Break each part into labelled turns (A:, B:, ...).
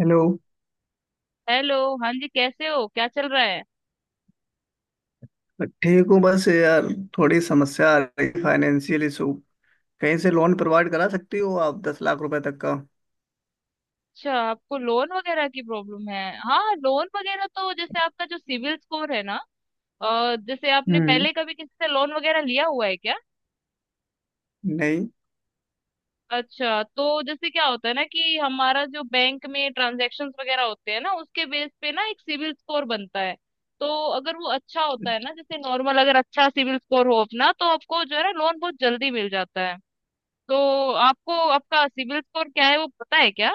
A: Hello.
B: Hello. हाँ जी, कैसे हो? क्या चल रहा है?
A: ठीक हूँ बस यार, थोड़ी समस्या आ रही है, फाइनेंशियल इशू। कहीं से लोन प्रोवाइड करा सकती हो आप 10 लाख रुपए तक का?
B: अच्छा, आपको लोन वगैरह की प्रॉब्लम है। हाँ लोन वगैरह तो जैसे आपका जो सिविल स्कोर है ना, जैसे आपने
A: हम्म।
B: पहले कभी किसी से लोन वगैरह लिया हुआ है क्या?
A: नहीं।
B: अच्छा, तो जैसे क्या होता है ना कि हमारा जो बैंक में ट्रांजैक्शंस वगैरह होते हैं ना, उसके बेस पे ना एक सिविल स्कोर बनता है। तो अगर वो अच्छा होता है ना, जैसे नॉर्मल अगर अच्छा सिविल स्कोर हो अपना तो आपको जो है ना लोन बहुत जल्दी मिल जाता है। तो आपको आपका सिविल स्कोर क्या है वो पता है क्या?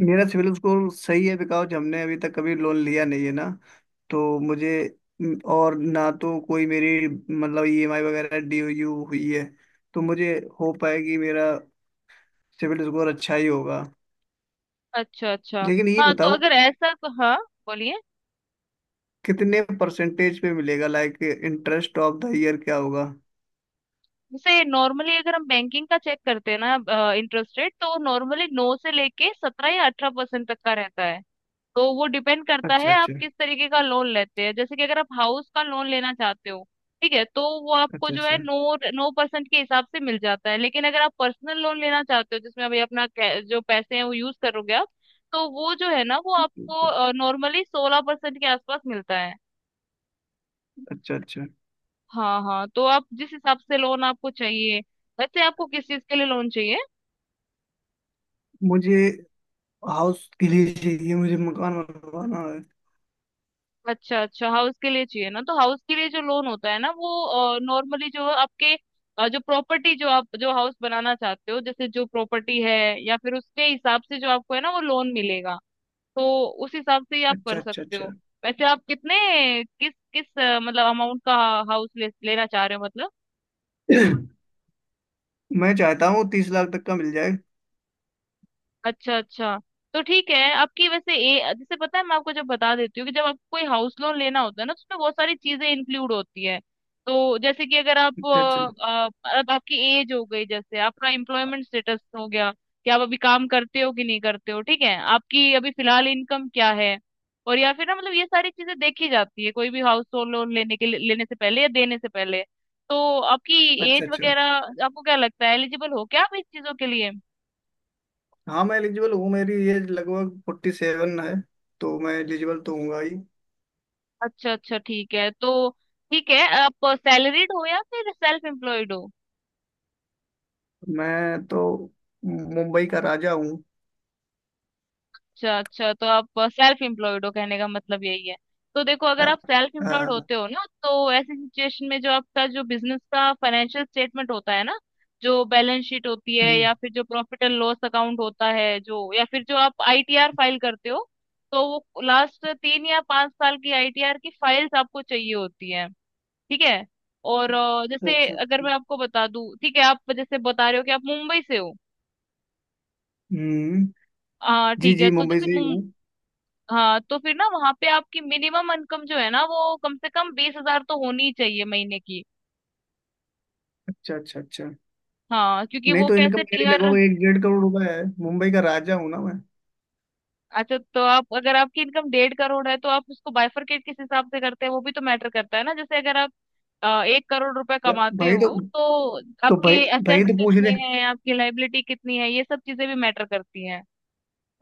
A: मेरा सिविल स्कोर सही है बिकॉज हमने अभी तक कभी लोन लिया नहीं है ना। तो मुझे और ना तो कोई मेरी मतलब ईएमआई वगैरह ड्यू हुई है। तो मुझे होप है कि मेरा सिविल स्कोर अच्छा ही होगा।
B: अच्छा अच्छा।
A: लेकिन ये
B: हाँ तो
A: बताओ,
B: अगर ऐसा तो हाँ, बोलिए।
A: कितने परसेंटेज पे मिलेगा, like interest of the year क्या होगा?
B: जैसे नॉर्मली अगर हम बैंकिंग का चेक करते हैं ना इंटरेस्ट रेट, तो नॉर्मली नौ से लेके 17 या 18% तक का रहता है। तो वो डिपेंड करता
A: अच्छा
B: है
A: अच्छा।
B: आप किस तरीके का लोन लेते हैं, जैसे कि अगर आप हाउस का लोन लेना चाहते हो। ठीक है, तो वो आपको
A: अच्छा
B: जो है
A: अच्छा।
B: 9 9% के हिसाब से मिल जाता है, लेकिन अगर आप पर्सनल लोन लेना चाहते हो जिसमें अभी अपना जो पैसे हैं वो यूज करोगे आप, तो वो जो है ना वो आपको नॉर्मली 16% के आसपास मिलता है।
A: अच्छा अच्छा।
B: हाँ हाँ, तो आप जिस हिसाब से लोन आपको चाहिए, वैसे आपको किस चीज के लिए लोन चाहिए?
A: मुझे हाउस के लिए चाहिए, मुझे मकान बनवाना है।
B: अच्छा अच्छा, हाउस के लिए चाहिए ना, तो हाउस के लिए जो लोन होता है ना वो नॉर्मली जो आपके जो प्रॉपर्टी जो आप जो हाउस बनाना चाहते हो जैसे जो प्रॉपर्टी है, या फिर उसके हिसाब से जो आपको है ना वो लोन मिलेगा। तो उस हिसाब से ही आप
A: अच्छा
B: कर
A: अच्छा
B: सकते
A: अच्छा।
B: हो। वैसे आप कितने किस किस मतलब अमाउंट का हाउस लेना चाह रहे हो मतलब?
A: मैं चाहता हूँ 30 लाख तक का मिल जाए।
B: अच्छा अच्छा, तो ठीक है। आपकी वैसे ए जैसे पता है मैं आपको जब बता देती हूँ कि जब आपको कोई हाउस लोन लेना होता है ना, तो उसमें बहुत सारी चीजें इंक्लूड होती है। तो जैसे कि अगर आप
A: अच्छा अच्छा
B: अब आपकी एज हो गई, जैसे आपका एम्प्लॉयमेंट स्टेटस हो गया कि आप अभी काम करते हो कि नहीं करते हो, ठीक है। आपकी अभी फिलहाल इनकम क्या है, और या फिर ना मतलब ये सारी चीजें देखी जाती है कोई भी हाउस लोन लेने के लेने से पहले या देने से पहले। तो आपकी एज
A: अच्छा अच्छा।
B: वगैरह आपको क्या लगता है एलिजिबल हो क्या आप इस चीजों के लिए?
A: हाँ मैं एलिजिबल हूँ, मेरी एज लगभग 47 है। तो मैं एलिजिबल तो हूँगा ही।
B: अच्छा अच्छा, ठीक है तो, ठीक है। आप सैलरीड हो या फिर सेल्फ एम्प्लॉयड हो?
A: मैं तो मुंबई का राजा हूँ।
B: अच्छा अच्छा, तो आप सेल्फ एम्प्लॉयड हो कहने का मतलब यही है। तो देखो अगर
A: हाँ,
B: आप सेल्फ एम्प्लॉयड
A: हाँ,
B: होते हो ना, तो ऐसी सिचुएशन में जो आपका जो बिजनेस का फाइनेंशियल स्टेटमेंट होता है ना, जो बैलेंस शीट होती है
A: हम्म,
B: या फिर जो प्रॉफिट एंड लॉस अकाउंट होता है जो, या फिर जो आप आईटीआर फाइल करते हो, तो वो लास्ट 3 या 5 साल की आईटीआर की फाइल्स आपको चाहिए होती है। ठीक है। और जैसे
A: अच्छा
B: अगर
A: अच्छा।
B: मैं आपको बता दूं ठीक है, आप जैसे बता रहे हो कि आप मुंबई से हो।
A: हम्म।
B: हाँ
A: जी
B: ठीक है,
A: जी,
B: तो
A: मुंबई
B: जैसे
A: से ही हूँ।
B: हाँ तो फिर ना वहां पे आपकी मिनिमम इनकम जो है ना, वो कम से कम 20,000 तो होनी ही चाहिए महीने की।
A: अच्छा अच्छा अच्छा।
B: हाँ क्योंकि
A: नहीं
B: वो
A: तो इनकम
B: कैसे
A: मेरी
B: टीयर,
A: लगभग एक डेढ़ करोड़ रुपए है, मुंबई का राजा हूँ ना मैं।
B: अच्छा तो आप अगर आपकी इनकम 1.5 करोड़ है तो आप उसको बाइफरकेट किस हिसाब से करते हैं वो भी तो मैटर करता है ना। जैसे अगर आप 1 करोड़ रुपए
A: भ-
B: कमाते
A: भाई तो।
B: हो तो आपके
A: भाई, भाई
B: एसेट्स
A: तो पूछ
B: कितने
A: रहे।
B: हैं, आपकी लाइबिलिटी कितनी है, ये सब चीजें भी मैटर करती हैं।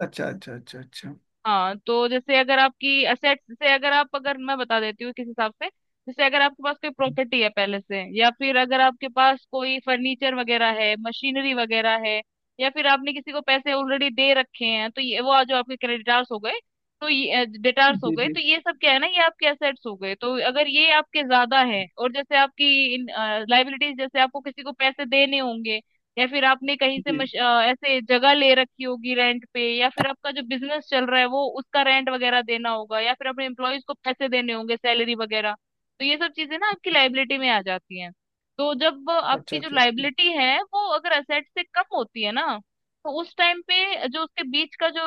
A: अच्छा अच्छा अच्छा अच्छा।
B: हाँ तो जैसे अगर आपकी असेट्स से अगर आप अगर मैं बता देती हूँ किस हिसाब से, जैसे अगर आपके पास कोई प्रॉपर्टी है पहले से, या फिर अगर आपके पास कोई फर्नीचर वगैरह है मशीनरी वगैरह है, या फिर आपने किसी को पैसे ऑलरेडी दे रखे हैं, तो ये वो आज जो आपके क्रेडिटार्स हो गए, तो ये डेटार्स हो
A: जी
B: गए,
A: जी।
B: तो ये सब क्या है ना ये आपके एसेट्स हो गए। तो अगर ये आपके ज्यादा है और जैसे आपकी लाइबिलिटीज, जैसे आपको किसी को पैसे देने होंगे, या फिर आपने कहीं से
A: जी।
B: ऐसे जगह ले रखी होगी रेंट पे, या फिर आपका जो बिजनेस चल रहा है वो उसका रेंट वगैरह देना होगा, या फिर अपने एम्प्लॉयज को पैसे देने होंगे सैलरी वगैरह, तो ये सब चीजें ना आपकी लाइबिलिटी में आ जाती हैं। तो जब
A: अच्छा
B: आपकी जो
A: अच्छा
B: लाइबिलिटी है वो अगर असेट से कम होती है ना, तो उस टाइम पे जो उसके बीच का जो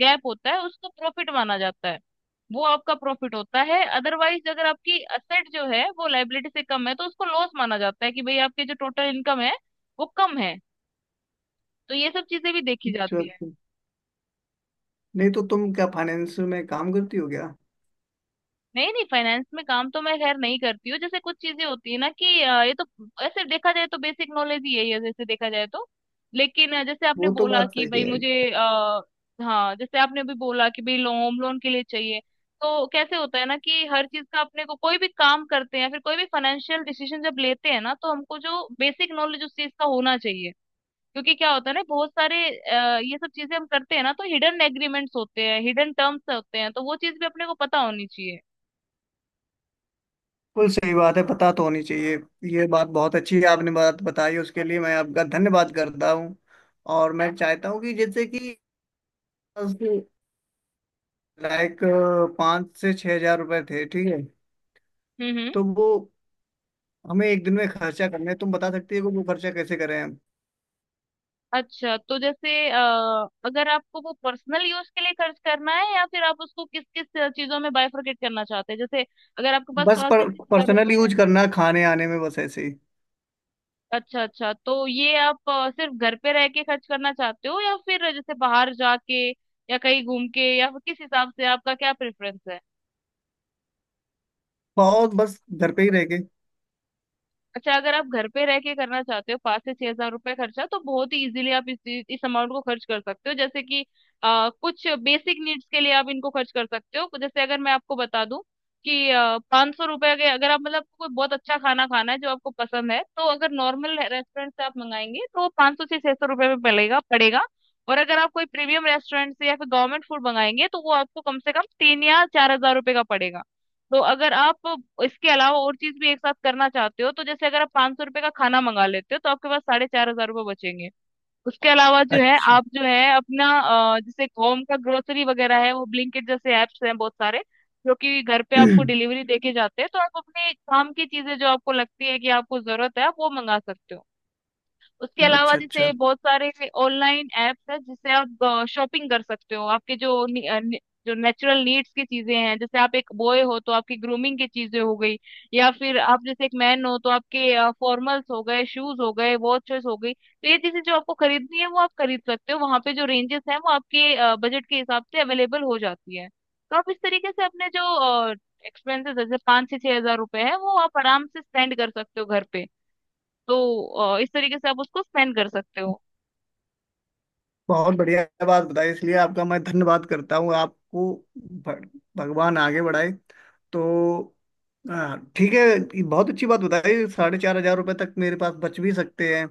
B: गैप होता है उसको प्रॉफिट माना जाता है, वो आपका प्रॉफिट होता है। अदरवाइज अगर आपकी असेट जो है वो लाइबिलिटी से कम है तो उसको लॉस माना जाता है कि भाई आपके जो टोटल इनकम है वो कम है। तो ये सब चीजें भी देखी
A: अच्छा
B: जाती है।
A: अच्छा। नहीं तो तुम क्या फाइनेंस में काम करती हो क्या?
B: नहीं नहीं, फाइनेंस में काम तो मैं खैर नहीं करती हूँ। जैसे कुछ चीजें होती है ना कि ये तो ऐसे देखा जाए तो बेसिक नॉलेज ही है ये, जैसे देखा जाए तो। लेकिन जैसे आपने
A: वो तो
B: बोला
A: बात
B: कि
A: सही
B: भाई
A: है।
B: मुझे हाँ जैसे आपने अभी बोला कि भाई लोन होम लोन के लिए चाहिए। तो कैसे होता है ना कि हर चीज का अपने को कोई भी काम करते हैं या फिर कोई भी फाइनेंशियल डिसीजन जब लेते हैं ना, तो हमको जो बेसिक नॉलेज उस चीज का होना चाहिए। क्योंकि क्या होता है ना, बहुत सारे ये सब चीजें हम करते हैं ना, तो हिडन एग्रीमेंट्स होते हैं, हिडन टर्म्स होते हैं, तो वो चीज भी अपने को पता होनी चाहिए।
A: बिल्कुल सही बात है, पता तो होनी चाहिए। ये बात बहुत अच्छी है आपने बात बताई, उसके लिए मैं आपका धन्यवाद करता हूँ। और मैं चाहता हूँ कि जैसे कि लाइक 5 से 6 हजार रुपए थे, ठीक है?
B: हम्म।
A: तो वो हमें एक दिन में खर्चा करने हैं। तुम बता सकती हो कि वो खर्चा कैसे करें?
B: अच्छा तो जैसे अगर आपको वो पर्सनल यूज के लिए खर्च करना है या फिर आप उसको किस किस चीजों में बाइफरकेट करना चाहते हैं? जैसे अगर आपके पास
A: बस
B: पाँच से छह हजार
A: पर्सनल
B: रुपए हैं।
A: यूज करना, खाने आने में, बस ऐसे ही।
B: अच्छा अच्छा, तो ये आप सिर्फ घर पे रह के खर्च करना चाहते हो या फिर जैसे बाहर जाके या कहीं घूम के, या फिर किस हिसाब से आपका क्या प्रेफरेंस है?
A: बहुत बस घर पे ही रह के।
B: अच्छा, अगर आप घर पे रह के करना चाहते हो 5 से 6 हजार रुपए खर्चा, तो बहुत ही इजीली आप इस अमाउंट को खर्च कर सकते हो। जैसे कि कुछ बेसिक नीड्स के लिए आप इनको खर्च कर सकते हो। जैसे अगर मैं आपको बता दूं कि 500 रुपए के अगर आप मतलब कोई बहुत अच्छा खाना खाना है जो आपको पसंद है, तो अगर नॉर्मल रेस्टोरेंट से आप मंगाएंगे तो 500 से 600 रुपए में पड़ेगा पड़ेगा। और अगर आप कोई प्रीमियम रेस्टोरेंट से या फिर गवर्नमेंट फूड मंगाएंगे तो वो आपको कम से कम 3 या 4 हजार रुपए का पड़ेगा। तो अगर आप इसके अलावा और चीज भी एक साथ करना चाहते हो तो जैसे अगर आप 500 रुपये का खाना मंगा लेते हो तो आपके पास 4,500 रुपये बचेंगे। उसके अलावा जो है
A: अच्छा।
B: आप जो है अपना जैसे होम का ग्रोसरी वगैरह है वो ब्लिंकिट जैसे एप्स हैं बहुत सारे, जो कि घर पे आपको डिलीवरी देके जाते हैं। तो आप अपने काम की चीजें जो आपको लगती है कि आपको जरूरत है आप वो मंगा सकते हो। उसके अलावा
A: अच्छा
B: जैसे
A: अच्छा।
B: बहुत सारे ऑनलाइन एप्स है जिससे आप शॉपिंग कर सकते हो आपके जो जो नेचुरल नीड्स की चीजें हैं, जैसे आप एक बॉय हो तो आपकी ग्रूमिंग की चीजें हो गई, या फिर आप जैसे एक मैन हो तो आपके फॉर्मल्स हो गए, शूज हो गए, वॉचेस हो गई, तो ये चीजें जो आपको खरीदनी है वो आप खरीद सकते हो। वहां पे जो रेंजेस हैं वो आपके बजट के हिसाब से अवेलेबल हो जाती है। तो आप इस तरीके से अपने जो एक्सपेंसेस जैसे 5 से 6 हजार रुपए है वो आप आराम से स्पेंड कर सकते हो घर पे। तो इस तरीके से आप उसको स्पेंड कर सकते हो।
A: बहुत बढ़िया बात बताई, इसलिए आपका मैं धन्यवाद करता हूँ आपको। भगवान आगे बढ़ाए। तो ठीक है, ये बहुत अच्छी बात बताई, साढ़े 4 हजार रुपये तक मेरे पास बच भी सकते हैं।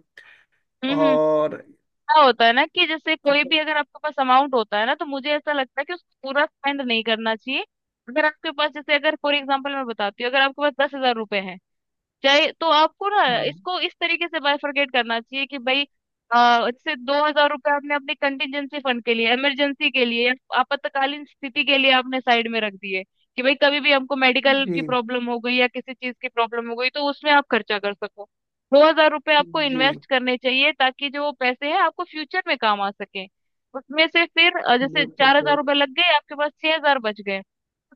B: हम्म।
A: और
B: क्या होता है ना कि जैसे कोई
A: अच्छा।
B: भी अगर आपके पास अमाउंट होता है ना, तो मुझे ऐसा लगता है कि उसको पूरा स्पेंड नहीं करना चाहिए। अगर आपके पास जैसे अगर फॉर एग्जाम्पल मैं बताती हूँ, अगर आपके पास 10,000 रुपए हैं चाहे, तो आपको ना
A: हाँ
B: इसको इस तरीके से बाइफरकेट करना चाहिए कि भाई जैसे 2,000 रुपये आपने अपने कंटिजेंसी फंड के लिए, इमरजेंसी के लिए, आपातकालीन स्थिति के लिए आपने साइड में रख दिए कि भाई कभी भी हमको मेडिकल
A: जी
B: की प्रॉब्लम हो गई या किसी चीज की प्रॉब्लम हो गई तो उसमें आप खर्चा कर सको। 2,000 रुपये आपको
A: जी,
B: इन्वेस्ट करने चाहिए ताकि जो वो पैसे हैं आपको फ्यूचर में काम आ सके। उसमें से फिर जैसे
A: बिल्कुल
B: चार
A: सही
B: हजार
A: बात।
B: रुपये लग गए आपके पास 6,000 बच गए।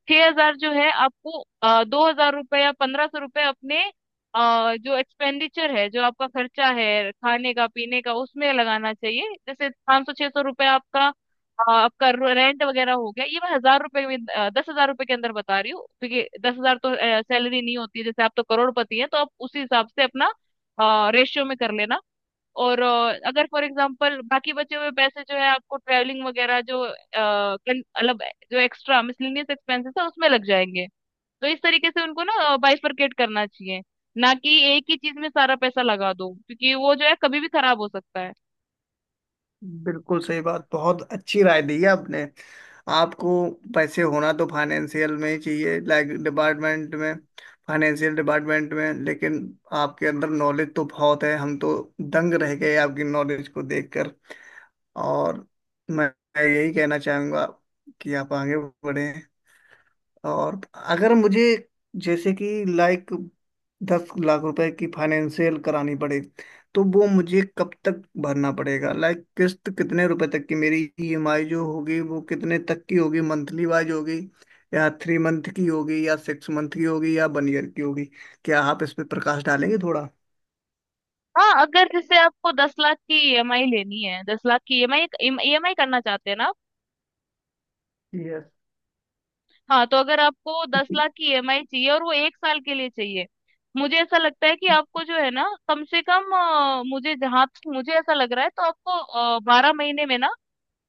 B: 6,000 जो है आपको 2,000 रुपए या 1,500 रुपए अपने जो एक्सपेंडिचर है जो आपका खर्चा है खाने का पीने का उसमें लगाना चाहिए। जैसे 500 600 रुपये आपका आपका रेंट वगैरह हो गया। ये मैं हजार रुपए में 10,000 रुपए के अंदर बता रही हूँ क्योंकि 10,000 तो सैलरी नहीं होती है, जैसे आप तो करोड़पति हैं तो आप उसी हिसाब से अपना रेशियो में कर लेना। और अगर फॉर एग्जांपल बाकी बचे हुए पैसे जो है आपको ट्रैवलिंग वगैरह जो मतलब जो एक्स्ट्रा मिसलिनियस एक्सपेंसेस है उसमें लग जाएंगे। तो इस तरीके से उनको ना बाइफरकेट करना चाहिए, ना कि एक ही चीज में सारा पैसा लगा दो क्योंकि वो जो है कभी भी खराब हो सकता है।
A: बिल्कुल सही बात, बहुत अच्छी राय दी है आपने। आपको पैसे होना तो फाइनेंशियल में ही चाहिए, लाइक डिपार्टमेंट में, फाइनेंशियल डिपार्टमेंट में। लेकिन आपके अंदर नॉलेज तो बहुत है, हम तो दंग रह गए आपकी नॉलेज को देखकर। और मैं मैं यही कहना चाहूँगा कि आप आगे बढ़े। और अगर मुझे जैसे कि लाइक 10 लाख रुपए की फाइनेंशियल करानी पड़े, तो वो मुझे कब तक भरना पड़ेगा? लाइक किस्त कितने रुपए तक की? मेरी ईएमआई जो होगी वो कितने तक की होगी? मंथली वाइज होगी या 3 मंथ की होगी या 6 मंथ की होगी या 1 ईयर की होगी? क्या आप इस पे प्रकाश डालेंगे थोड़ा?
B: हाँ अगर जैसे आपको 10 लाख की ईएमआई लेनी है, 10 लाख की ईएमआई ईएमआई करना चाहते हैं ना आप?
A: यस।
B: हाँ तो अगर आपको दस लाख की ईएमआई चाहिए और वो 1 साल के लिए चाहिए, मुझे ऐसा लगता है कि आपको जो है ना कम से कम मुझे जहां तक मुझे ऐसा लग रहा है तो आपको 12 महीने में ना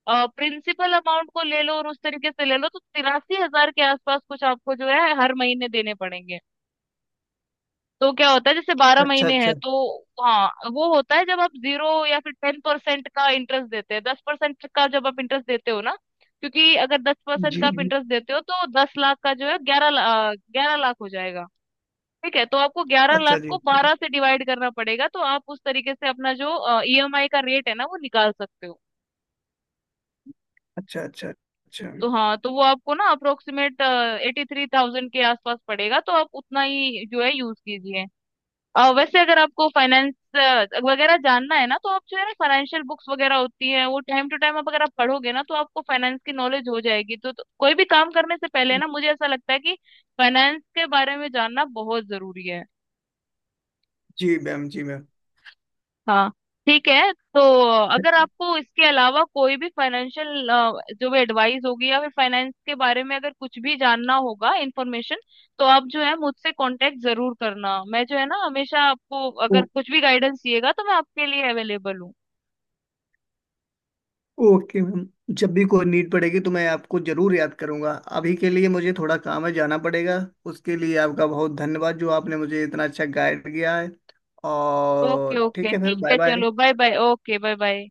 B: प्रिंसिपल अमाउंट को ले लो और उस तरीके से ले लो तो 83,000 के आसपास कुछ आपको जो है हर महीने देने पड़ेंगे। तो क्या होता है जैसे बारह
A: अच्छा
B: महीने हैं
A: अच्छा।
B: तो, हाँ वो होता है जब आप 0 या फिर 10% का इंटरेस्ट देते हैं। 10% का जब आप इंटरेस्ट देते हो ना, क्योंकि अगर 10%
A: जी
B: का आप
A: जी।
B: इंटरेस्ट देते हो तो 10 लाख का जो है 11 लाख हो जाएगा। ठीक है, तो आपको ग्यारह
A: अच्छा
B: लाख
A: जी।
B: को 12 से डिवाइड करना पड़ेगा तो आप उस तरीके से अपना जो ईएमआई का रेट है ना वो निकाल सकते हो।
A: अच्छा अच्छा अच्छा।
B: तो हाँ, तो वो आपको ना अप्रोक्सीमेट 83,000 के आसपास पड़ेगा, तो आप उतना ही जो है यूज कीजिए। वैसे अगर आपको फाइनेंस वगैरह जानना है ना, तो आप जो है ना फाइनेंशियल बुक्स वगैरह होती है वो टाइम टू टाइम आप अगर आप पढ़ोगे ना तो आपको फाइनेंस की नॉलेज हो जाएगी। तो कोई भी काम करने से पहले ना मुझे ऐसा लगता है कि फाइनेंस के बारे में जानना बहुत जरूरी है।
A: जी मैम जी मैम।
B: हाँ, ठीक है। तो अगर आपको इसके अलावा कोई भी फाइनेंशियल जो भी एडवाइस होगी या फिर फाइनेंस के बारे में अगर कुछ भी जानना होगा इंफॉर्मेशन, तो आप जो है मुझसे कांटेक्ट जरूर करना। मैं जो है ना हमेशा आपको, अगर कुछ भी गाइडेंस चाहिएगा तो मैं आपके लिए अवेलेबल हूँ।
A: ओके मैम, जब भी कोई नीड पड़ेगी तो मैं आपको जरूर याद करूंगा। अभी के लिए मुझे थोड़ा काम है, जाना पड़ेगा। उसके लिए आपका बहुत धन्यवाद, जो आपने मुझे इतना अच्छा गाइड किया है।
B: ओके
A: और
B: ओके,
A: ठीक है, फिर
B: ठीक
A: बाय
B: है
A: बाय।
B: चलो, bye bye, okay bye bye.